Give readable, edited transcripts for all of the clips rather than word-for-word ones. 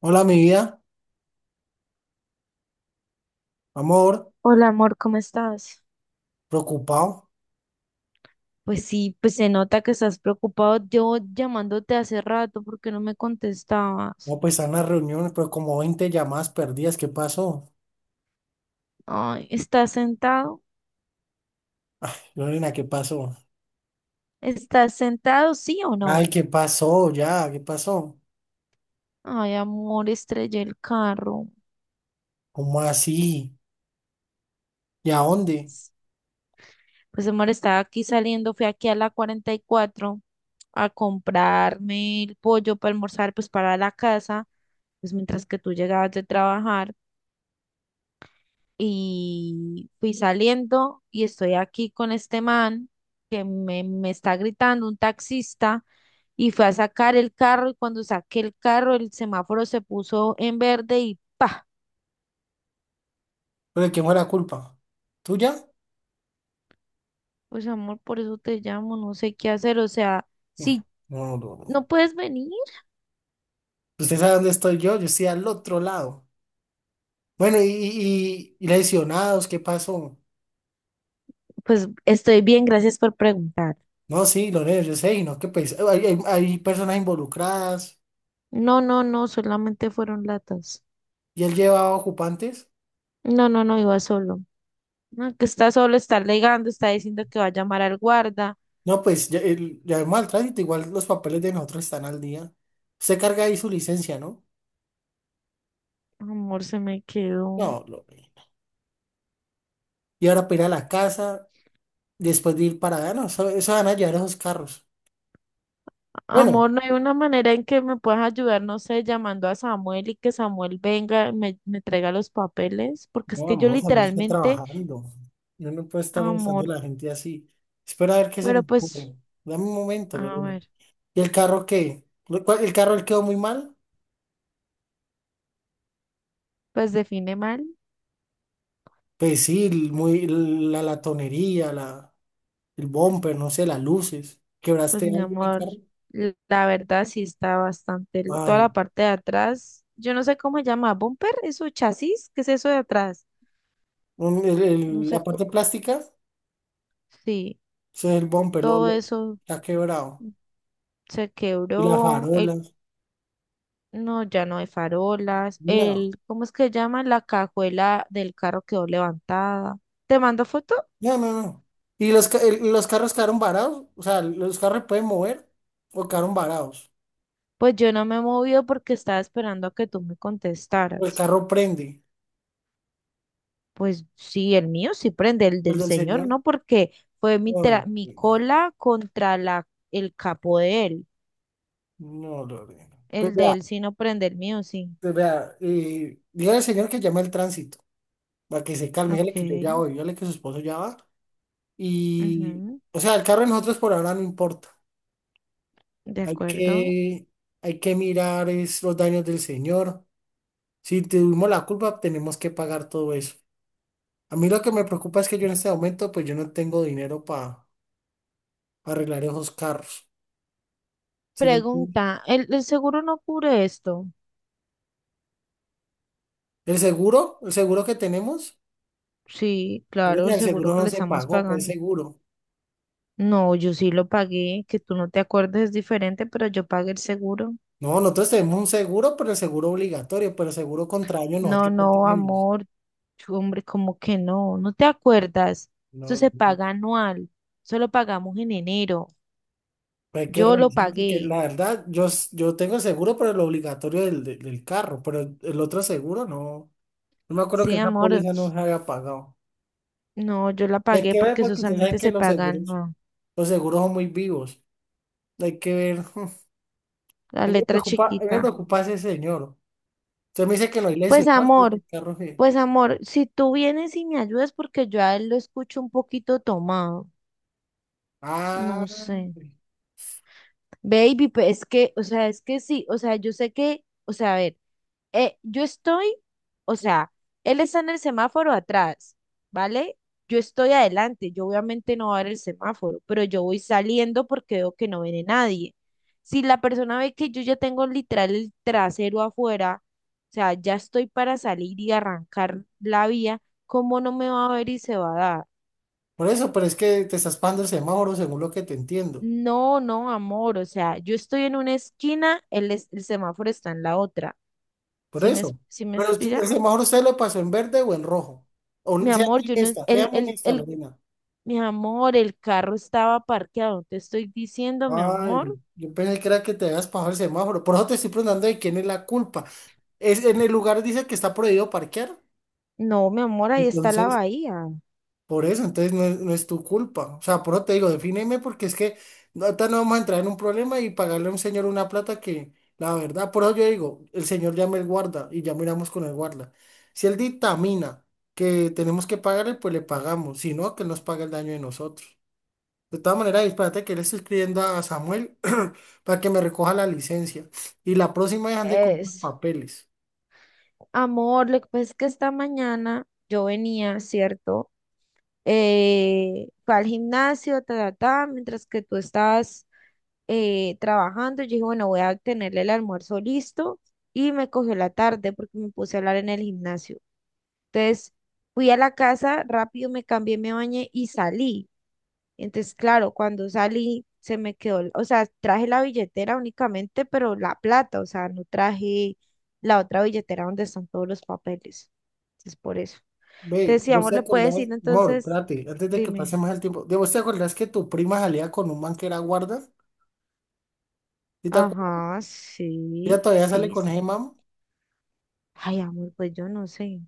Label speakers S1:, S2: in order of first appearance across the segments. S1: Hola, mi vida, amor,
S2: Hola amor, ¿cómo estás?
S1: preocupado.
S2: Pues sí, pues se nota que estás preocupado. Yo llamándote hace rato porque no me contestabas.
S1: No, pues están las reuniones, pero como 20 llamadas perdidas. ¿Qué pasó?
S2: Ay, ¿estás sentado?
S1: Lorena, ¿qué pasó?
S2: ¿Estás sentado, sí o no?
S1: Ay, ¿qué pasó? Ya, ¿qué pasó?
S2: Ay, amor, estrellé el carro.
S1: ¿Cómo así? ¿Y a dónde?
S2: Pues amor, estaba aquí saliendo, fui aquí a la 44 a comprarme el pollo para almorzar, pues para la casa, pues mientras que tú llegabas de trabajar. Y fui saliendo y estoy aquí con este man que me está gritando, un taxista, y fue a sacar el carro y cuando saqué el carro el semáforo se puso en verde y ¡pa!
S1: ¿Pero de quién fue la culpa? ¿Tuya?
S2: Pues amor, por eso te llamo, no sé qué hacer, o sea,
S1: No,
S2: si
S1: no, no. no.
S2: no puedes venir,
S1: ¿Usted sabe dónde estoy yo? Yo estoy al otro lado. Bueno, y lesionados, ¿qué pasó?
S2: pues estoy bien, gracias por preguntar.
S1: No, sí, Lorena, yo sé, y no, que pues, hay personas involucradas
S2: No, no, no, solamente fueron latas.
S1: y él llevaba ocupantes.
S2: No, no, no, iba solo. No, que está solo, está alegando, está diciendo que va a llamar al guarda.
S1: No, pues ya, ya vemos al tránsito, igual los papeles de nosotros están al día. Usted carga ahí su licencia, ¿no?
S2: Amor, se me quedó.
S1: No, lo. Y ahora para ir a la casa, después de ir para allá, no, eso van a llevar esos carros. Bueno,
S2: Amor, no hay una manera en que me puedas ayudar, no sé, llamando a Samuel y que Samuel venga, me traiga los papeles, porque es
S1: no,
S2: que yo
S1: amor, Samuel está
S2: literalmente,
S1: trabajando. Yo no puedo estar molestando
S2: amor,
S1: a la gente así. Espera a ver qué se me
S2: pero pues,
S1: ocurre. Dame un momento,
S2: a
S1: Lorena.
S2: ver,
S1: ¿Y el carro qué? ¿El carro le quedó muy mal?
S2: pues define mal,
S1: Pues sí, muy, la latonería, el bumper, no sé, las luces.
S2: pues
S1: ¿Quebraste
S2: mi
S1: algo de
S2: amor,
S1: carro?
S2: la verdad sí está bastante, toda
S1: Ay.
S2: la parte de atrás, yo no sé cómo se llama, bumper, eso, chasis, ¿qué es eso de atrás? No sé,
S1: La parte plástica, o
S2: sí,
S1: sea, el bumper
S2: todo eso
S1: está quebrado.
S2: se
S1: Y las
S2: quebró, el.
S1: farolas.
S2: No, ya no hay farolas.
S1: No,
S2: El, ¿cómo es que llama? La cajuela del carro quedó levantada. ¿Te mando foto?
S1: no, no, no. Y los carros quedaron varados. O sea, los carros pueden mover o quedaron varados.
S2: Pues yo no me he movido porque estaba esperando a que tú me
S1: El
S2: contestaras.
S1: carro prende.
S2: Pues sí, el mío sí prende, el
S1: El
S2: del
S1: del
S2: señor
S1: señor.
S2: no, porque fue
S1: Ay,
S2: mi cola contra la, el capo de él.
S1: no, Lorena. Pues
S2: El de
S1: vea,
S2: él sí no prende, el mío sí.
S1: pues vea. Dígale al señor que llame al tránsito para que se calme.
S2: Ok,
S1: Dígale que yo ya voy. Dígale que su esposo ya va. Y,
S2: ujú,
S1: o sea, el carro de nosotros por ahora no importa.
S2: de
S1: Hay
S2: acuerdo.
S1: que, hay que mirar es los daños del Señor. Si tuvimos la culpa, tenemos que pagar todo eso. A mí lo que me preocupa es que yo en este momento, pues yo no tengo dinero para arreglar esos carros. ¿Sí me entiende?
S2: Pregunta, ¿el seguro no cubre esto?
S1: El seguro que tenemos,
S2: Sí, claro,
S1: Lorena,
S2: el
S1: el
S2: seguro
S1: seguro
S2: que
S1: no
S2: le
S1: se
S2: estamos
S1: pagó, ¿cuál
S2: pagando.
S1: seguro?
S2: No, yo sí lo pagué, que tú no te acuerdes es diferente, pero yo pagué el seguro.
S1: No, nosotros tenemos un seguro, pero el seguro obligatorio, pero el seguro contra daño
S2: No,
S1: nosotros no
S2: no,
S1: tenemos.
S2: amor, hombre, como que no, no te acuerdas. Eso
S1: No,
S2: se
S1: pues,
S2: paga anual, eso lo pagamos en enero.
S1: hay que
S2: Yo lo
S1: revisar porque
S2: pagué,
S1: la verdad, yo tengo el seguro, pero el obligatorio del carro, pero el otro seguro no. No me acuerdo
S2: sí,
S1: que esa
S2: amor,
S1: póliza no se haya pagado.
S2: no, yo la
S1: Y hay
S2: pagué
S1: que ver
S2: porque eso
S1: porque usted sabe
S2: solamente
S1: que
S2: se
S1: los
S2: paga,
S1: seguros,
S2: no,
S1: los seguros son muy vivos. Hay que ver.
S2: la
S1: A mí me
S2: letra
S1: preocupa, a mí me
S2: chiquita.
S1: preocupa ese señor. Usted me dice que no hay
S2: Pues,
S1: lesionados, pero que
S2: amor,
S1: el carro.
S2: pues, amor, si tú vienes y me ayudas porque yo a él lo escucho un poquito tomado,
S1: Ah,
S2: no sé. Baby, pues es que, o sea, es que sí, o sea, yo sé que, o sea, a ver, yo estoy, o sea, él está en el semáforo atrás, ¿vale? Yo estoy adelante, yo obviamente no voy a ver el semáforo, pero yo voy saliendo porque veo que no viene nadie. Si la persona ve que yo ya tengo literal el trasero afuera, o sea, ya estoy para salir y arrancar la vía, ¿cómo no me va a ver y se va a dar?
S1: por eso, pero es que te estás pagando el semáforo según lo que te entiendo.
S2: No, no, amor, o sea, yo estoy en una esquina, el semáforo está en la otra.
S1: Por
S2: si me,
S1: eso.
S2: si me
S1: Pero el
S2: inspira?
S1: semáforo usted lo pasó en verde o en rojo. O
S2: Mi
S1: sea,
S2: amor,
S1: muy
S2: yo no,
S1: honesta, sea muy honesta, Lorena.
S2: mi amor, el carro estaba parqueado, te estoy diciendo, mi amor.
S1: Ay, yo pensé que era que te habías pasado el semáforo. Por eso te estoy preguntando de quién es la culpa. En el lugar dice que está prohibido parquear.
S2: No, mi amor, ahí está la
S1: Entonces,
S2: bahía.
S1: por eso, entonces no es tu culpa. O sea, por eso te digo, defíneme porque es que no, ahorita no vamos a entrar en un problema y pagarle a un señor una plata que, la verdad, por eso yo digo, el señor llame el guarda y ya miramos con el guarda. Si él dictamina que tenemos que pagarle, pues le pagamos. Si no, que él nos paga el daño de nosotros. De todas maneras, espérate que le estoy escribiendo a Samuel para que me recoja la licencia. Y la próxima vez ande con los
S2: Es,
S1: papeles.
S2: amor, lo que pasa es que esta mañana yo venía, ¿cierto? Fue al gimnasio, ta, ta, ta, mientras que tú estabas trabajando. Yo dije, bueno, voy a tenerle el almuerzo listo y me cogió la tarde porque me puse a hablar en el gimnasio. Entonces fui a la casa, rápido me cambié, me bañé y salí. Entonces, claro, cuando salí se me quedó, o sea, traje la billetera únicamente, pero la plata, o sea, no traje la otra billetera donde están todos los papeles. Entonces, por eso.
S1: Ve, vos
S2: Decíamos,
S1: te
S2: le puede decir
S1: acordás, Mor,
S2: entonces,
S1: espérate, antes de que pase
S2: dime.
S1: más el tiempo. ¿De vos te acordás que tu prima salía con un man que era guarda? ¿Y te acuerdas?
S2: Ajá,
S1: Ella
S2: sí,
S1: todavía sale
S2: sí,
S1: con ese
S2: sí.
S1: man.
S2: Ay, amor, pues yo no sé.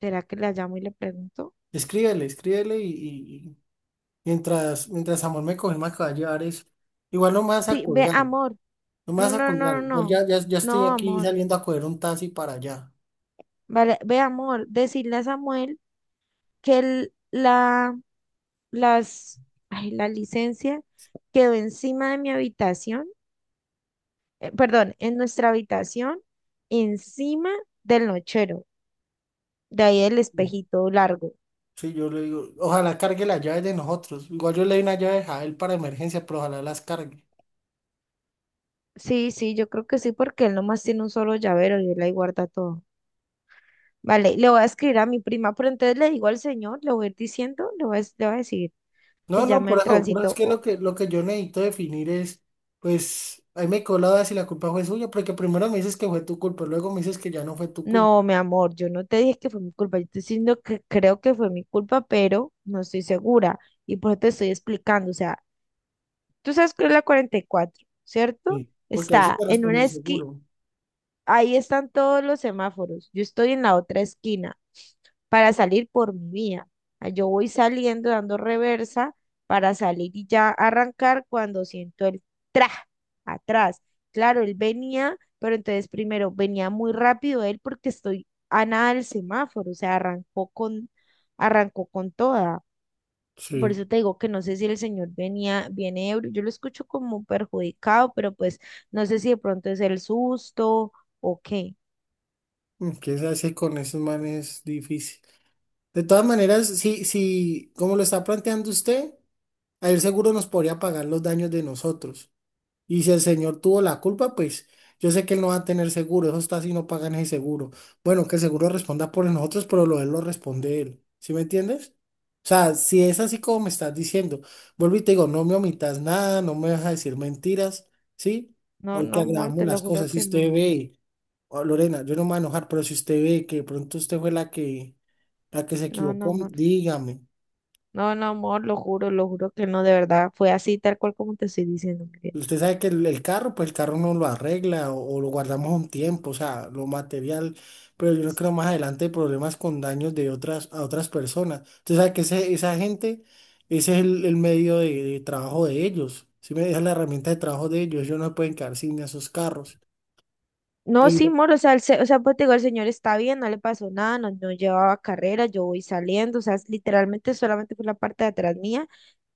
S2: ¿Será que le llamo y le pregunto?
S1: Escríbele, escríbele y mientras Samuel me coge más que va a llevar eso. Igual no me vas a
S2: Sí, ve,
S1: colgar,
S2: amor.
S1: no me
S2: No,
S1: vas a
S2: no, no,
S1: colgar.
S2: no,
S1: Igual
S2: no.
S1: ya, ya, ya estoy
S2: No,
S1: aquí
S2: amor.
S1: saliendo a coger un taxi para allá.
S2: Vale, ve, amor, decirle a Samuel que las, ay, la licencia quedó encima de mi habitación, perdón, en nuestra habitación, encima del nochero, de ahí el espejito largo.
S1: Sí, yo le digo, ojalá cargue las llaves de nosotros. Igual yo le doy una llave a él para emergencia, pero ojalá las cargue.
S2: Sí, sí, yo creo que sí, porque él nomás tiene un solo llavero y él ahí guarda todo. Vale, le voy a escribir a mi prima, pero entonces le digo al señor, le voy a ir diciendo, le voy a decir
S1: No,
S2: que
S1: no,
S2: llame al
S1: por eso es
S2: tránsito.
S1: que lo que lo que yo necesito definir es, pues, ahí me quedó la duda si la culpa fue suya, porque primero me dices que fue tu culpa, luego me dices que ya no fue tu culpa.
S2: No, mi amor, yo no te dije que fue mi culpa, yo te estoy diciendo que creo que fue mi culpa, pero no estoy segura y por eso te estoy explicando. O sea, tú sabes que es la 44, ¿cierto?
S1: Sí, porque ahí sí
S2: Está
S1: te
S2: en
S1: responde
S2: una
S1: el
S2: esquina.
S1: seguro.
S2: Ahí están todos los semáforos. Yo estoy en la otra esquina para salir por mi vía. Ah, yo voy saliendo dando reversa para salir y ya arrancar cuando siento el tra atrás. Claro, él venía, pero entonces primero venía muy rápido él porque estoy a nada del semáforo, o sea, arrancó con toda. Por
S1: Sí.
S2: eso te digo que no sé si el señor venía, viene ebrio, yo lo escucho como perjudicado, pero pues no sé si de pronto es el susto o qué.
S1: Mm, ¿qué se hace con esos manes? Es difícil. De todas maneras, si, como lo está planteando usted, ahí el seguro nos podría pagar los daños de nosotros. Y si el señor tuvo la culpa, pues yo sé que él no va a tener seguro, eso está si no pagan ese seguro. Bueno, que el seguro responda por nosotros, pero lo de él lo responde él. ¿Sí me entiendes? O sea, si es así como me estás diciendo, vuelvo y te digo, no me omitas nada, no me vas a decir mentiras, ¿sí?
S2: No, no,
S1: Porque
S2: amor,
S1: agravamos
S2: te lo
S1: las
S2: juro
S1: cosas. Si
S2: que
S1: usted
S2: no.
S1: ve, oh, Lorena, yo no me voy a enojar, pero si usted ve que de pronto usted fue la que se
S2: No, no,
S1: equivocó,
S2: amor.
S1: dígame.
S2: No, no, amor, lo juro que no, de verdad. Fue así, tal cual como te estoy diciendo, Miguel.
S1: Usted sabe que el carro, pues el carro no lo arregla o lo guardamos un tiempo, o sea, lo material, pero yo no creo más adelante hay problemas con daños de otras, a otras personas. Usted sabe que esa gente, ese es el medio de trabajo de ellos, si me dejan la herramienta de trabajo de ellos, ellos no se pueden quedar sin esos carros.
S2: No, sí,
S1: Pero
S2: amor, o sea, o sea, pues te digo, el señor está bien, no le pasó nada, no, no llevaba carrera, yo voy saliendo, o sea, es literalmente solamente fue la parte de atrás mía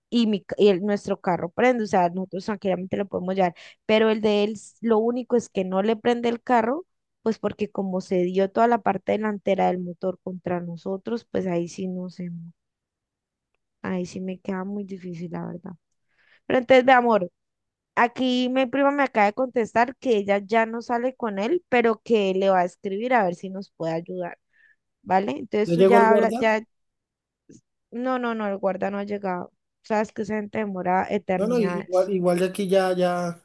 S2: y, mi, ca- y el- nuestro carro prende, o sea, nosotros tranquilamente lo podemos llevar, pero el de él, lo único es que no le prende el carro, pues porque como se dio toda la parte delantera del motor contra nosotros, pues ahí sí no sé. Ahí sí me queda muy difícil, la verdad. Pero entonces, de amor, aquí mi prima me acaba de contestar que ella ya no sale con él, pero que le va a escribir a ver si nos puede ayudar, ¿vale? Entonces
S1: ya
S2: tú
S1: llegó el
S2: ya hablas,
S1: guarda,
S2: ya, no, no, no, el guarda no ha llegado. Sabes que esa gente demora
S1: no, no, i-
S2: eternidades.
S1: igual, igual de aquí ya, ya,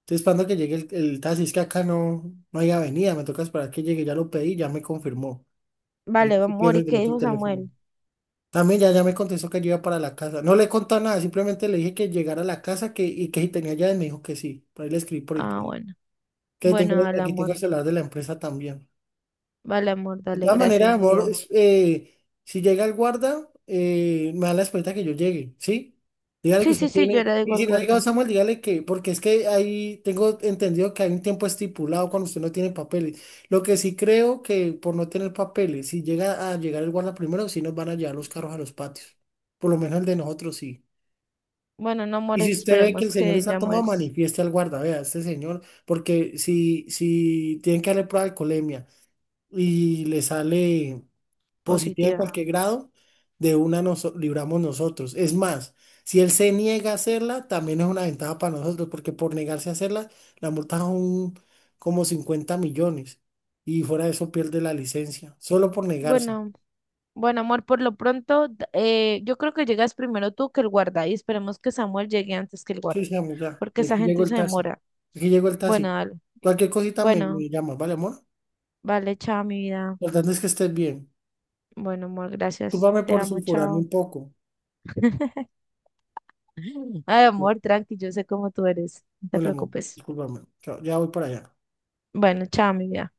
S1: estoy esperando que llegue el taxi, es que acá no, no hay avenida, me toca esperar que llegue, ya lo pedí, ya me confirmó.
S2: Vale,
S1: Ahí estoy
S2: amor,
S1: pidiendo
S2: ¿y
S1: el del
S2: qué
S1: otro
S2: dijo
S1: teléfono.
S2: Samuel?
S1: También ya, ya me contestó que yo iba para la casa. No le he contado nada, simplemente le dije que llegara a la casa que, y que si tenía llaves, me dijo que sí. Por ahí le escribí por
S2: Ah,
S1: internet.
S2: bueno,
S1: Que tengo,
S2: bueno, dale,
S1: aquí tengo
S2: amor,
S1: el celular de la empresa también.
S2: vale, amor,
S1: De
S2: dale,
S1: todas maneras,
S2: gracias, mi
S1: amor,
S2: vida.
S1: si llega el guarda, me da la esperanza que yo llegue, ¿sí? Dígale que
S2: Sí,
S1: usted
S2: sí, sí, yo
S1: tiene,
S2: le
S1: y
S2: digo al
S1: si no ha llegado
S2: guarda.
S1: Samuel, dígale que, porque es que ahí tengo entendido que hay un tiempo estipulado cuando usted no tiene papeles. Lo que sí creo que por no tener papeles, si llega a llegar el guarda primero, sí nos van a llevar los carros a los patios. Por lo menos el de nosotros sí.
S2: Bueno, no,
S1: Y
S2: amor,
S1: si usted ve que el
S2: esperemos
S1: señor
S2: que
S1: está tomado,
S2: Samuel es
S1: manifieste al guarda, vea, este señor, porque si tienen que darle prueba de alcoholemia y le sale positiva en
S2: positiva.
S1: cualquier grado, de una nos libramos nosotros. Es más, si él se niega a hacerla, también es una ventaja para nosotros, porque por negarse a hacerla, la multa son como 50 millones y fuera de eso pierde la licencia, solo por negarse.
S2: Bueno. Bueno, amor, por lo pronto, yo creo que llegas primero tú que el guarda y esperemos que Samuel llegue antes que el guarda,
S1: Sí, sí, amor, ya.
S2: porque esa
S1: Aquí llegó
S2: gente
S1: el
S2: se
S1: taxi.
S2: demora.
S1: Aquí llegó el
S2: Bueno,
S1: taxi.
S2: dale.
S1: Cualquier cosita me,
S2: Bueno,
S1: me llamas, ¿vale, amor? Lo
S2: vale, chao, mi vida.
S1: importante es que estés bien.
S2: Bueno, amor, gracias.
S1: Discúlpame
S2: Te
S1: por
S2: amo,
S1: sulfurarme
S2: chao.
S1: un poco.
S2: Ay, amor, tranqui, yo sé cómo tú eres. No te
S1: Vale, amor,
S2: preocupes.
S1: discúlpame. Chao. Ya voy para allá.
S2: Bueno, chao, mi vida.